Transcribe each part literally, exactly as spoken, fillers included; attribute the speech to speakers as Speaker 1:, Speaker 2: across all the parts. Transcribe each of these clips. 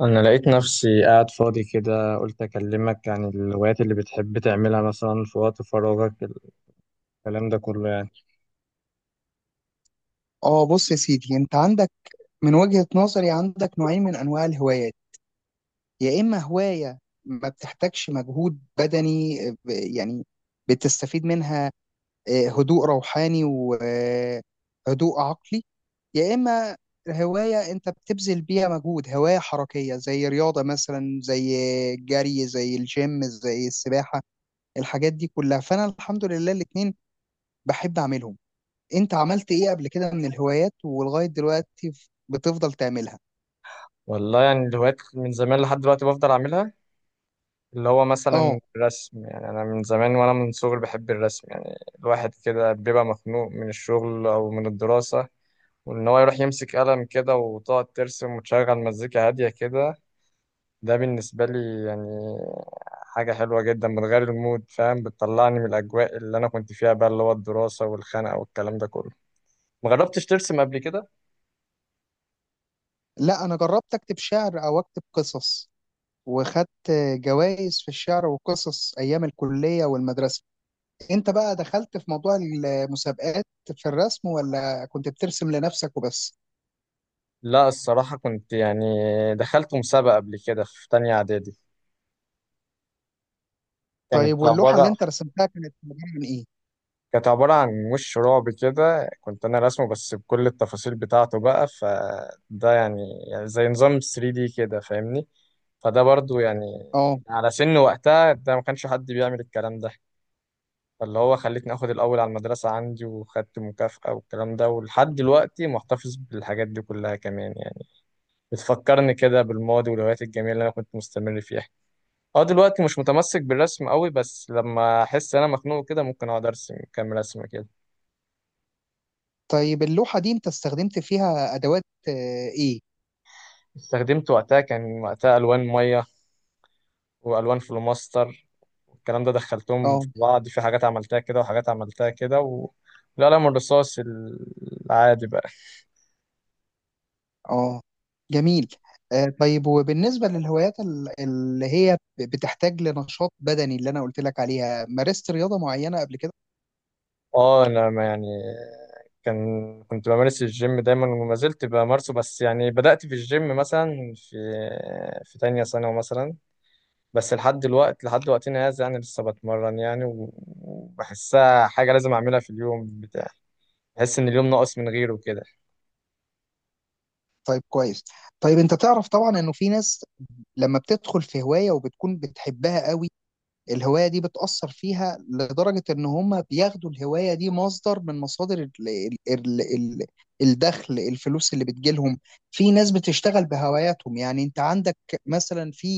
Speaker 1: أنا لقيت نفسي قاعد فاضي كده، قلت أكلمك عن الهوايات اللي بتحب تعملها مثلا في وقت فراغك، الكلام ده كله يعني.
Speaker 2: اه، بص يا سيدي، انت عندك، من وجهة نظري، عندك نوعين من انواع الهوايات. يا اما هواية ما بتحتاجش مجهود بدني، آه، ب- يعني بتستفيد منها آه، هدوء روحاني وهدوء عقلي. يا اما هواية انت بتبذل بيها مجهود، هواية حركية زي رياضة مثلا، زي الجري، زي الجيم، زي السباحة، الحاجات دي كلها. فانا الحمد لله الاتنين بحب اعملهم. انت عملت ايه قبل كده من الهوايات ولغاية دلوقتي ف- بتفضل تعملها؟
Speaker 1: والله يعني الهوايات من زمان لحد دلوقتي بفضل أعملها، اللي هو
Speaker 2: اه،
Speaker 1: مثلا الرسم. يعني أنا من زمان وأنا من صغري بحب الرسم، يعني الواحد كده بيبقى مخنوق من الشغل أو من الدراسة، وإن هو يروح يمسك قلم كده وتقعد ترسم وتشغل مزيكا هادية كده. ده بالنسبة لي يعني حاجة حلوة جدا، بتغير المود، فاهم، بتطلعني من الأجواء اللي أنا كنت فيها بقى، اللي هو الدراسة والخنقة والكلام ده كله. مجربتش ترسم قبل كده؟
Speaker 2: لا انا جربت اكتب شعر او اكتب قصص، وخدت جوائز في الشعر والقصص ايام الكلية والمدرسة. انت بقى دخلت في موضوع المسابقات في الرسم ولا كنت بترسم لنفسك وبس؟
Speaker 1: لا الصراحة كنت يعني دخلت مسابقة قبل كده في تانية إعدادي.
Speaker 2: طيب،
Speaker 1: كانت
Speaker 2: واللوحة اللي
Speaker 1: عبارة
Speaker 2: انت رسمتها كانت عبارة عن ايه؟
Speaker 1: كانت عبارة عن وش رعب كده، كنت أنا راسمه بس بكل التفاصيل بتاعته بقى، فده يعني، يعني زي نظام ثري دي كده، فاهمني. فده برضو يعني
Speaker 2: اه،
Speaker 1: على سن وقتها ده ما كانش حد بيعمل الكلام ده، فاللي هو خلتني اخد الاول على المدرسة عندي وخدت مكافأة والكلام ده، ولحد دلوقتي محتفظ بالحاجات دي كلها كمان يعني. بتفكرني كده بالماضي والهوايات الجميلة اللي انا كنت مستمر فيها. اه، دلوقتي مش متمسك بالرسم قوي، بس لما احس انا مخنوق كده ممكن اقعد ارسم كام رسمة كده.
Speaker 2: طيب، اللوحة دي انت استخدمت فيها ادوات آه، ايه؟
Speaker 1: استخدمت وقتها، كان وقتها الوان مية والوان فلوماستر، والكلام ده، دخلتهم في
Speaker 2: اه.
Speaker 1: بعض في حاجات عملتها كده وحاجات عملتها كده و... القلم الرصاص العادي بقى.
Speaker 2: اه، جميل. آه طيب، وبالنسبة للهوايات ال- اللي هي ب- بتحتاج لنشاط بدني، اللي أنا قلت لك عليها، مارست رياضة معينة قبل كده؟
Speaker 1: اه انا ما يعني، كان كنت بمارس الجيم دايما وما زلت بمارسه، بس يعني بدأت في الجيم مثلا في في تانية ثانوي مثلا، بس لحد دلوقتي لحد وقتنا هذا يعني لسه بتمرن يعني و- وبحسها حاجة لازم أعملها في اليوم بتاع، بحس إن اليوم ناقص من غيره كده.
Speaker 2: طيب، كويس. طيب، أنت تعرف طبعا إنه في ناس لما بتدخل في هواية وبتكون بتحبها قوي، الهواية دي بتأثر فيها لدرجة إن هم بياخدوا الهواية دي مصدر من مصادر ال ال ال ال الدخل، الفلوس اللي بتجيلهم. في ناس بتشتغل بهواياتهم. يعني أنت عندك مثلا، في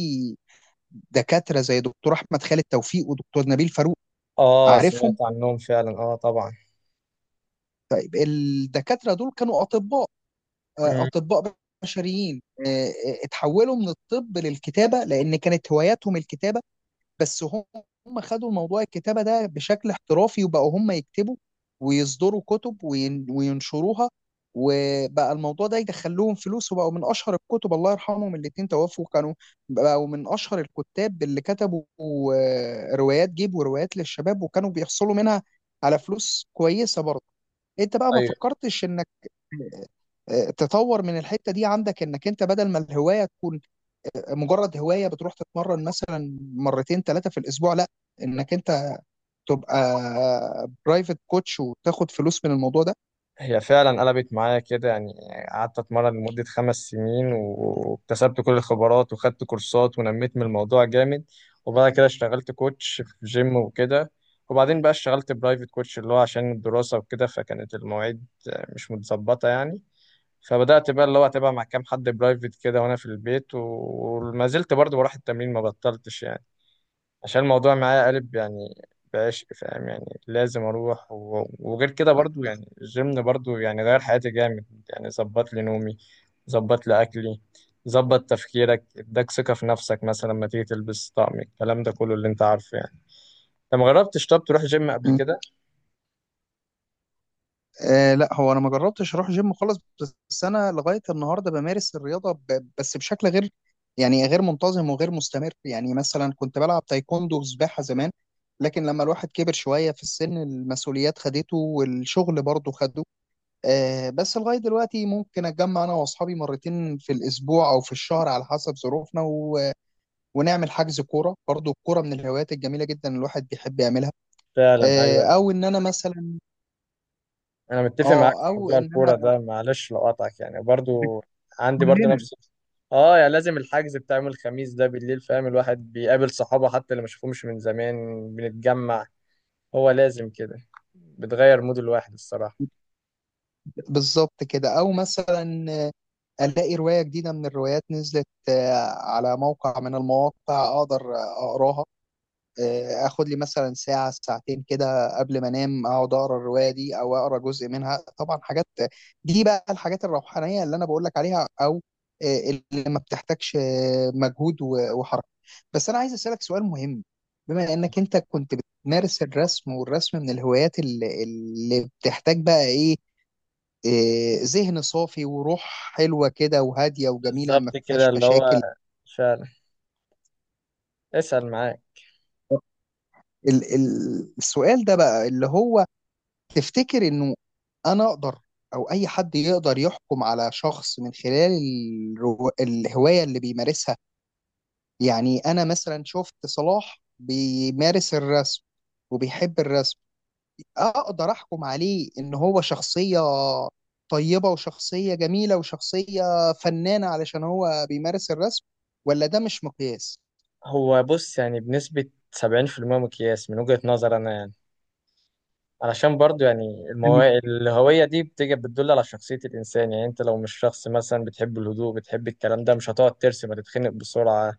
Speaker 2: دكاتره زي دكتور احمد خالد توفيق ودكتور نبيل فاروق،
Speaker 1: اه، سمعت
Speaker 2: عارفهم.
Speaker 1: عنهم فعلا، اه طبعا.
Speaker 2: طيب، الدكاتره دول كانوا اطباء، آه،
Speaker 1: مم.
Speaker 2: اطباء بشريين. آه، آه، اتحولوا من الطب للكتابه، لان كانت هواياتهم الكتابه. بس هم خدوا الموضوع الكتابة ده بشكل احترافي، وبقوا هم يكتبوا ويصدروا كتب وين- وينشروها. وبقى الموضوع ده يدخلهم فلوس، وبقوا من أشهر الكتب. الله يرحمهم، الاتنين توفوا. كانوا بقوا من أشهر الكتاب اللي كتبوا آه، روايات جيب وروايات للشباب، وكانوا بيحصلوا منها على فلوس كويسة برضه. انت بقى ما فكرتش انك آه، تطور من الحتة دي عندك، انك انت بدل ما الهواية تكون مجرد هوايه بتروح تتمرن مثلا مرتين ثلاثه في الاسبوع، لا، انك انت تبقى برايفت كوتش وتاخد فلوس من الموضوع ده؟
Speaker 1: هي فعلا قلبت معايا كده يعني، قعدت اتمرن لمدة خمس سنين واكتسبت كل الخبرات وخدت كورسات ونميت من الموضوع جامد، وبعد كده اشتغلت كوتش في جيم وكده، وبعدين بقى اشتغلت برايفت كوتش، اللي هو عشان الدراسة وكده، فكانت المواعيد مش متظبطة يعني. فبدأت بقى اللي هو اتابع مع كام حد برايفت كده وانا في البيت و- وما زلت برضه بروح التمرين، ما بطلتش يعني، عشان الموضوع معايا قالب يعني، بعشق، فاهم، يعني لازم اروح و... وغير كده برضو، يعني الجيم برضو يعني غير حياتي جامد يعني. ظبط لي نومي، ظبط لي اكلي، ظبط تفكيرك، اداك ثقة في نفسك مثلا لما تيجي تلبس طقم، الكلام ده كله اللي انت عارفه يعني. انت ما جربتش طب تروح جيم قبل
Speaker 2: م.
Speaker 1: كده؟
Speaker 2: آه لا، هو انا ما جربتش اروح جيم خالص. بس انا لغايه النهارده بمارس الرياضه ب- بس بشكل غير، يعني غير منتظم وغير مستمر. يعني مثلا كنت بلعب تايكوندو وسباحه زمان، لكن لما الواحد كبر شويه في السن المسؤوليات خدته والشغل برضه خده. آه، بس لغاية دلوقتي ممكن أتجمع أنا وأصحابي مرتين في الأسبوع أو في الشهر على حسب ظروفنا، و... ونعمل حجز كورة. برضو الكورة من الهوايات الجميلة جدا الواحد بيحب يعملها.
Speaker 1: فعلا
Speaker 2: آه،
Speaker 1: ايوه.
Speaker 2: أو إن أنا مثلا،
Speaker 1: انا متفق معاك في
Speaker 2: أه أو
Speaker 1: موضوع
Speaker 2: إن
Speaker 1: الكوره
Speaker 2: أنا،
Speaker 1: ده، معلش لو قاطعك يعني، برضو عندي برضو
Speaker 2: كلنا.
Speaker 1: نفس، اه يعني لازم الحجز بتاع يوم الخميس ده بالليل، فاهم، الواحد بيقابل صحابه حتى اللي ما شافهمش من زمان، بنتجمع، هو لازم كده، بتغير مود الواحد الصراحه.
Speaker 2: بالظبط كده. أو مثلا آه، ألاقي رواية جديدة من الروايات نزلت، آه، على موقع من المواقع، أقدر آه، أقراها. آه، اخد لي مثلا ساعه ساعتين كده قبل ما انام، اقعد اقرا الروايه دي او اقرا جزء منها. طبعا حاجات دي بقى الحاجات الروحانيه اللي انا بقول لك عليها، او آه، اللي ما بتحتاجش آه، مجهود و- وحركه. بس انا عايز اسالك سؤال مهم. بما انك انت كنت بتمارس الرسم، والرسم من الهوايات اللي اللي بتحتاج بقى ايه؟ آه، ذهن صافي وروح حلوه كده وهاديه وجميله، ما
Speaker 1: بالظبط كده
Speaker 2: فيهاش
Speaker 1: اللي هو،
Speaker 2: مشاكل.
Speaker 1: فعلا، اسأل معاك.
Speaker 2: ال- ال- السؤال ده بقى اللي هو، تفتكر انه انا اقدر او اي حد يقدر يحكم على شخص من خلال الرو... الهواية اللي بيمارسها؟ يعني انا مثلا شفت صلاح بيمارس الرسم وبيحب الرسم، اقدر احكم عليه ان هو شخصية طيبة وشخصية جميلة وشخصية فنانة علشان هو بيمارس الرسم؟ ولا ده مش مقياس؟
Speaker 1: هو بص يعني بنسبة سبعين في المية مقياس من وجهة نظر أنا يعني. علشان برضو يعني المو... الهوية دي بتيجي بتدل على شخصية الإنسان، يعني أنت لو مش شخص مثلا بتحب الهدوء بتحب الكلام ده، مش هتقعد ترسم، هتتخنق بسرعة،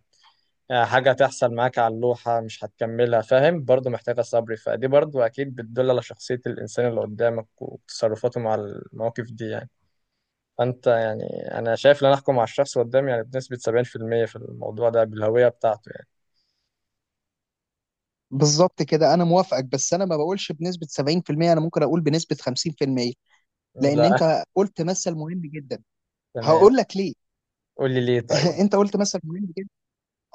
Speaker 1: آه، حاجة تحصل معاك على اللوحة مش هتكملها، فاهم، برضو محتاجة صبر، فدي برضو أكيد بتدل على شخصية الإنسان اللي قدامك وتصرفاته مع المواقف دي يعني. فأنت يعني، أنا شايف إن أنا أحكم على الشخص قدامي يعني بنسبة سبعين في المية في الموضوع ده بالهوية بتاعته يعني.
Speaker 2: بالظبط كده، انا موافقك. بس انا ما بقولش بنسبة سبعين في المية، انا ممكن اقول بنسبة خمسين في المية. لان
Speaker 1: لا،
Speaker 2: انت قلت مثل مهم جدا،
Speaker 1: تمام.
Speaker 2: هقول لك ليه.
Speaker 1: قول لي ليه طيب.
Speaker 2: انت قلت مثل مهم جدا.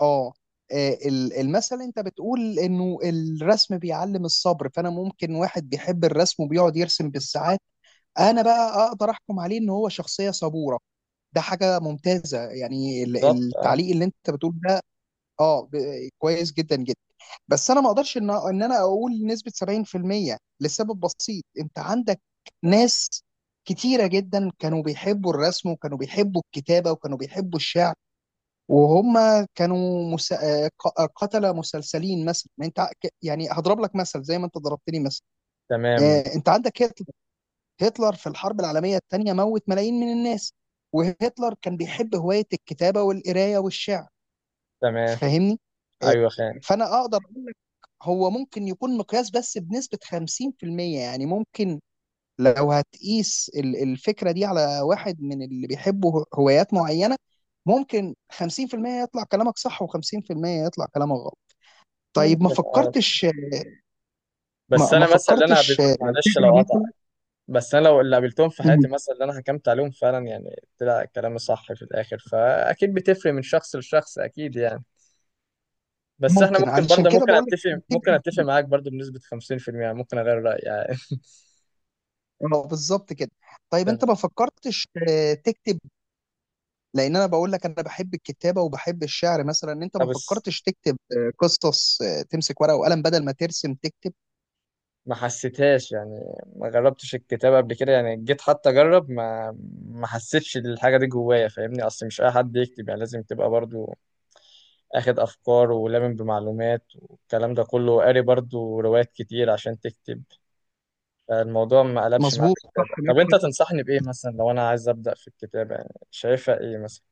Speaker 2: اه، آه، ال- المثل انت بتقول انه الرسم بيعلم الصبر، فانا ممكن واحد بيحب الرسم وبيقعد يرسم بالساعات، انا بقى اقدر احكم عليه ان هو شخصية صبورة. ده حاجة ممتازة. يعني ال-
Speaker 1: بالظبط أه.
Speaker 2: التعليق اللي انت بتقول ده، اه ب- كويس جدا جدا. بس انا ما اقدرش ان ان انا اقول نسبه سبعين في المية لسبب بسيط. انت عندك ناس كتيره جدا كانوا بيحبوا الرسم وكانوا بيحبوا الكتابه وكانوا بيحبوا الشعر، وهم كانوا مس... آه، ق- آه، قتله مسلسلين مثلا. ما انت ع- ك- يعني هضرب لك مثل زي ما انت ضربتني مثل.
Speaker 1: تمام.
Speaker 2: آه، انت عندك هتلر، هتلر في الحرب العالميه الثانيه موت ملايين من الناس. وهتلر كان بيحب هوايه الكتابه والقرايه والشعر،
Speaker 1: تمام.
Speaker 2: فاهمني؟ آه،
Speaker 1: أيوه خان.
Speaker 2: فانا اقدر، هو ممكن يكون مقياس بس بنسبة خمسين في المية. يعني ممكن لو هتقيس ال- الفكرة دي على واحد من اللي بيحبوا هوايات معينة، ممكن خمسين في المية يطلع كلامك صح و50% يطلع كلامك غلط. طيب، ما
Speaker 1: ممكن، آه،
Speaker 2: فكرتش،
Speaker 1: بس
Speaker 2: ما, ما
Speaker 1: انا مثلا اللي انا
Speaker 2: فكرتش
Speaker 1: قابلت، معلش لو
Speaker 2: تقرا
Speaker 1: قطع،
Speaker 2: مثلا؟
Speaker 1: بس انا لو اللي قابلتهم في حياتي
Speaker 2: مم.
Speaker 1: مثلا اللي انا حكمت عليهم فعلا يعني طلع كلامي صح في الاخر، فاكيد بتفرق من شخص لشخص اكيد يعني. بس احنا
Speaker 2: ممكن،
Speaker 1: ممكن
Speaker 2: علشان
Speaker 1: برضه،
Speaker 2: كده
Speaker 1: ممكن
Speaker 2: بقول لك
Speaker 1: اتفق، ممكن اتفق
Speaker 2: خمسين.
Speaker 1: معاك برضه بنسبة خمسين في المية يعني، ممكن اغير رأيي يعني.
Speaker 2: اه بالظبط كده. طيب، انت
Speaker 1: تمام.
Speaker 2: ما فكرتش آه، تكتب؟ لان انا بقول لك انا بحب الكتابه وبحب الشعر مثلا، انت ما
Speaker 1: طب بس
Speaker 2: فكرتش تكتب آه، قصص، آه، تمسك ورقه وقلم بدل ما ترسم تكتب؟
Speaker 1: ما حسيتهاش يعني، ما جربتش الكتابة قبل كده يعني، جيت حتى اجرب ما ما حسيتش الحاجة دي جوايا، فاهمني، اصل مش اي حد يكتب يعني، لازم تبقى برضه اخد افكار ولامم بمعلومات والكلام ده كله، وقاري برضو روايات كتير عشان تكتب. فالموضوع ما قلبش معايا في
Speaker 2: مظبوط،
Speaker 1: الكتابة.
Speaker 2: صح، معاك
Speaker 1: طب انت
Speaker 2: حق.
Speaker 1: تنصحني بايه مثلا لو انا عايز ابدا في الكتابة يعني؟ شايفها ايه مثلا؟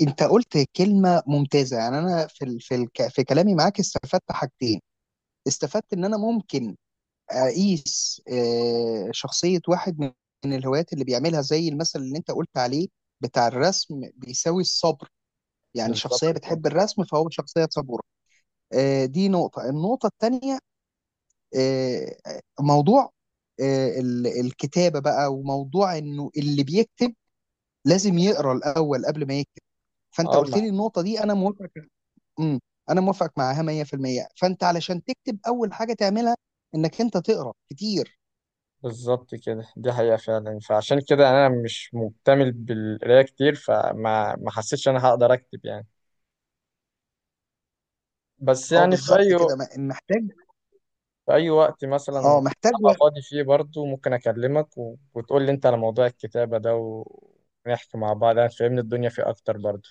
Speaker 2: انت قلت كلمه ممتازه. يعني انا في ال... في الك... في كلامي معاك استفدت حاجتين. استفدت ان انا ممكن اقيس آه، شخصيه واحد من من الهوايات اللي بيعملها، زي المثل اللي انت قلت عليه بتاع الرسم بيساوي الصبر، يعني
Speaker 1: بالظبط
Speaker 2: شخصيه
Speaker 1: كده.
Speaker 2: بتحب الرسم فهو شخصيه صبوره. آه، دي نقطه. النقطه الثانيه، آه، موضوع آه، ال- الكتابة بقى، وموضوع انه اللي بيكتب لازم يقرا الاول قبل ما يكتب. فانت
Speaker 1: اه
Speaker 2: قلت
Speaker 1: ما-
Speaker 2: لي النقطة دي، انا موافق. امم انا موافق معاها مية في المية. فانت علشان تكتب، اول حاجة تعملها انك انت تقرا كتير.
Speaker 1: بالظبط كده دي حقيقة فعلا، فعشان كده انا مش مكتمل بالقراية كتير، فما ما حسيتش انا هقدر اكتب يعني. بس
Speaker 2: اه
Speaker 1: يعني في
Speaker 2: بالظبط
Speaker 1: اي،
Speaker 2: كده. ما- محتاج،
Speaker 1: في أي وقت مثلا
Speaker 2: اه، محتاج
Speaker 1: أبقى
Speaker 2: وقت.
Speaker 1: فاضي فيه برضو ممكن أكلمك و... وتقول لي أنت على موضوع الكتابة ده، ونحكي مع بعض يعني تفهمني الدنيا فيه أكتر برضو.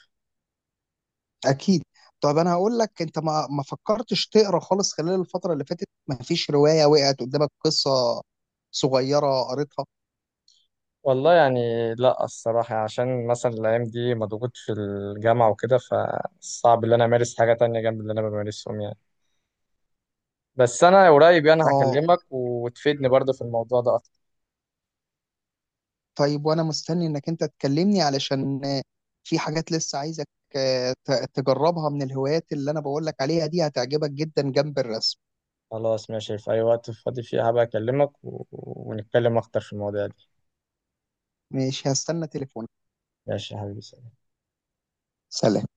Speaker 2: اكيد. طب انا هقول لك، انت ما ما فكرتش تقرا خالص خلال الفترة اللي فاتت؟ ما فيش رواية وقعت قدامك، قصة صغيرة قريتها؟
Speaker 1: والله يعني، لأ الصراحة يعني عشان مثلا الأيام دي مضغوط في الجامعة وكده، فصعب إن أنا أمارس حاجة تانية جنب اللي أنا بمارسهم يعني. بس أنا قريب يعني
Speaker 2: اه.
Speaker 1: هكلمك وتفيدني برضو في الموضوع ده أكتر.
Speaker 2: طيب، وانا مستني انك انت تكلمني علشان آه، في حاجات لسه عايزك آه، ت- تجربها من الهوايات اللي انا بقول لك عليها دي، هتعجبك جدا جنب الرسم.
Speaker 1: خلاص ماشي، في أي وقت فاضي فيه هبقى أكلمك و... ونتكلم أكتر في المواضيع دي.
Speaker 2: ماشي، هستنى تليفونك.
Speaker 1: ماشي يا حبيبي.
Speaker 2: سلام.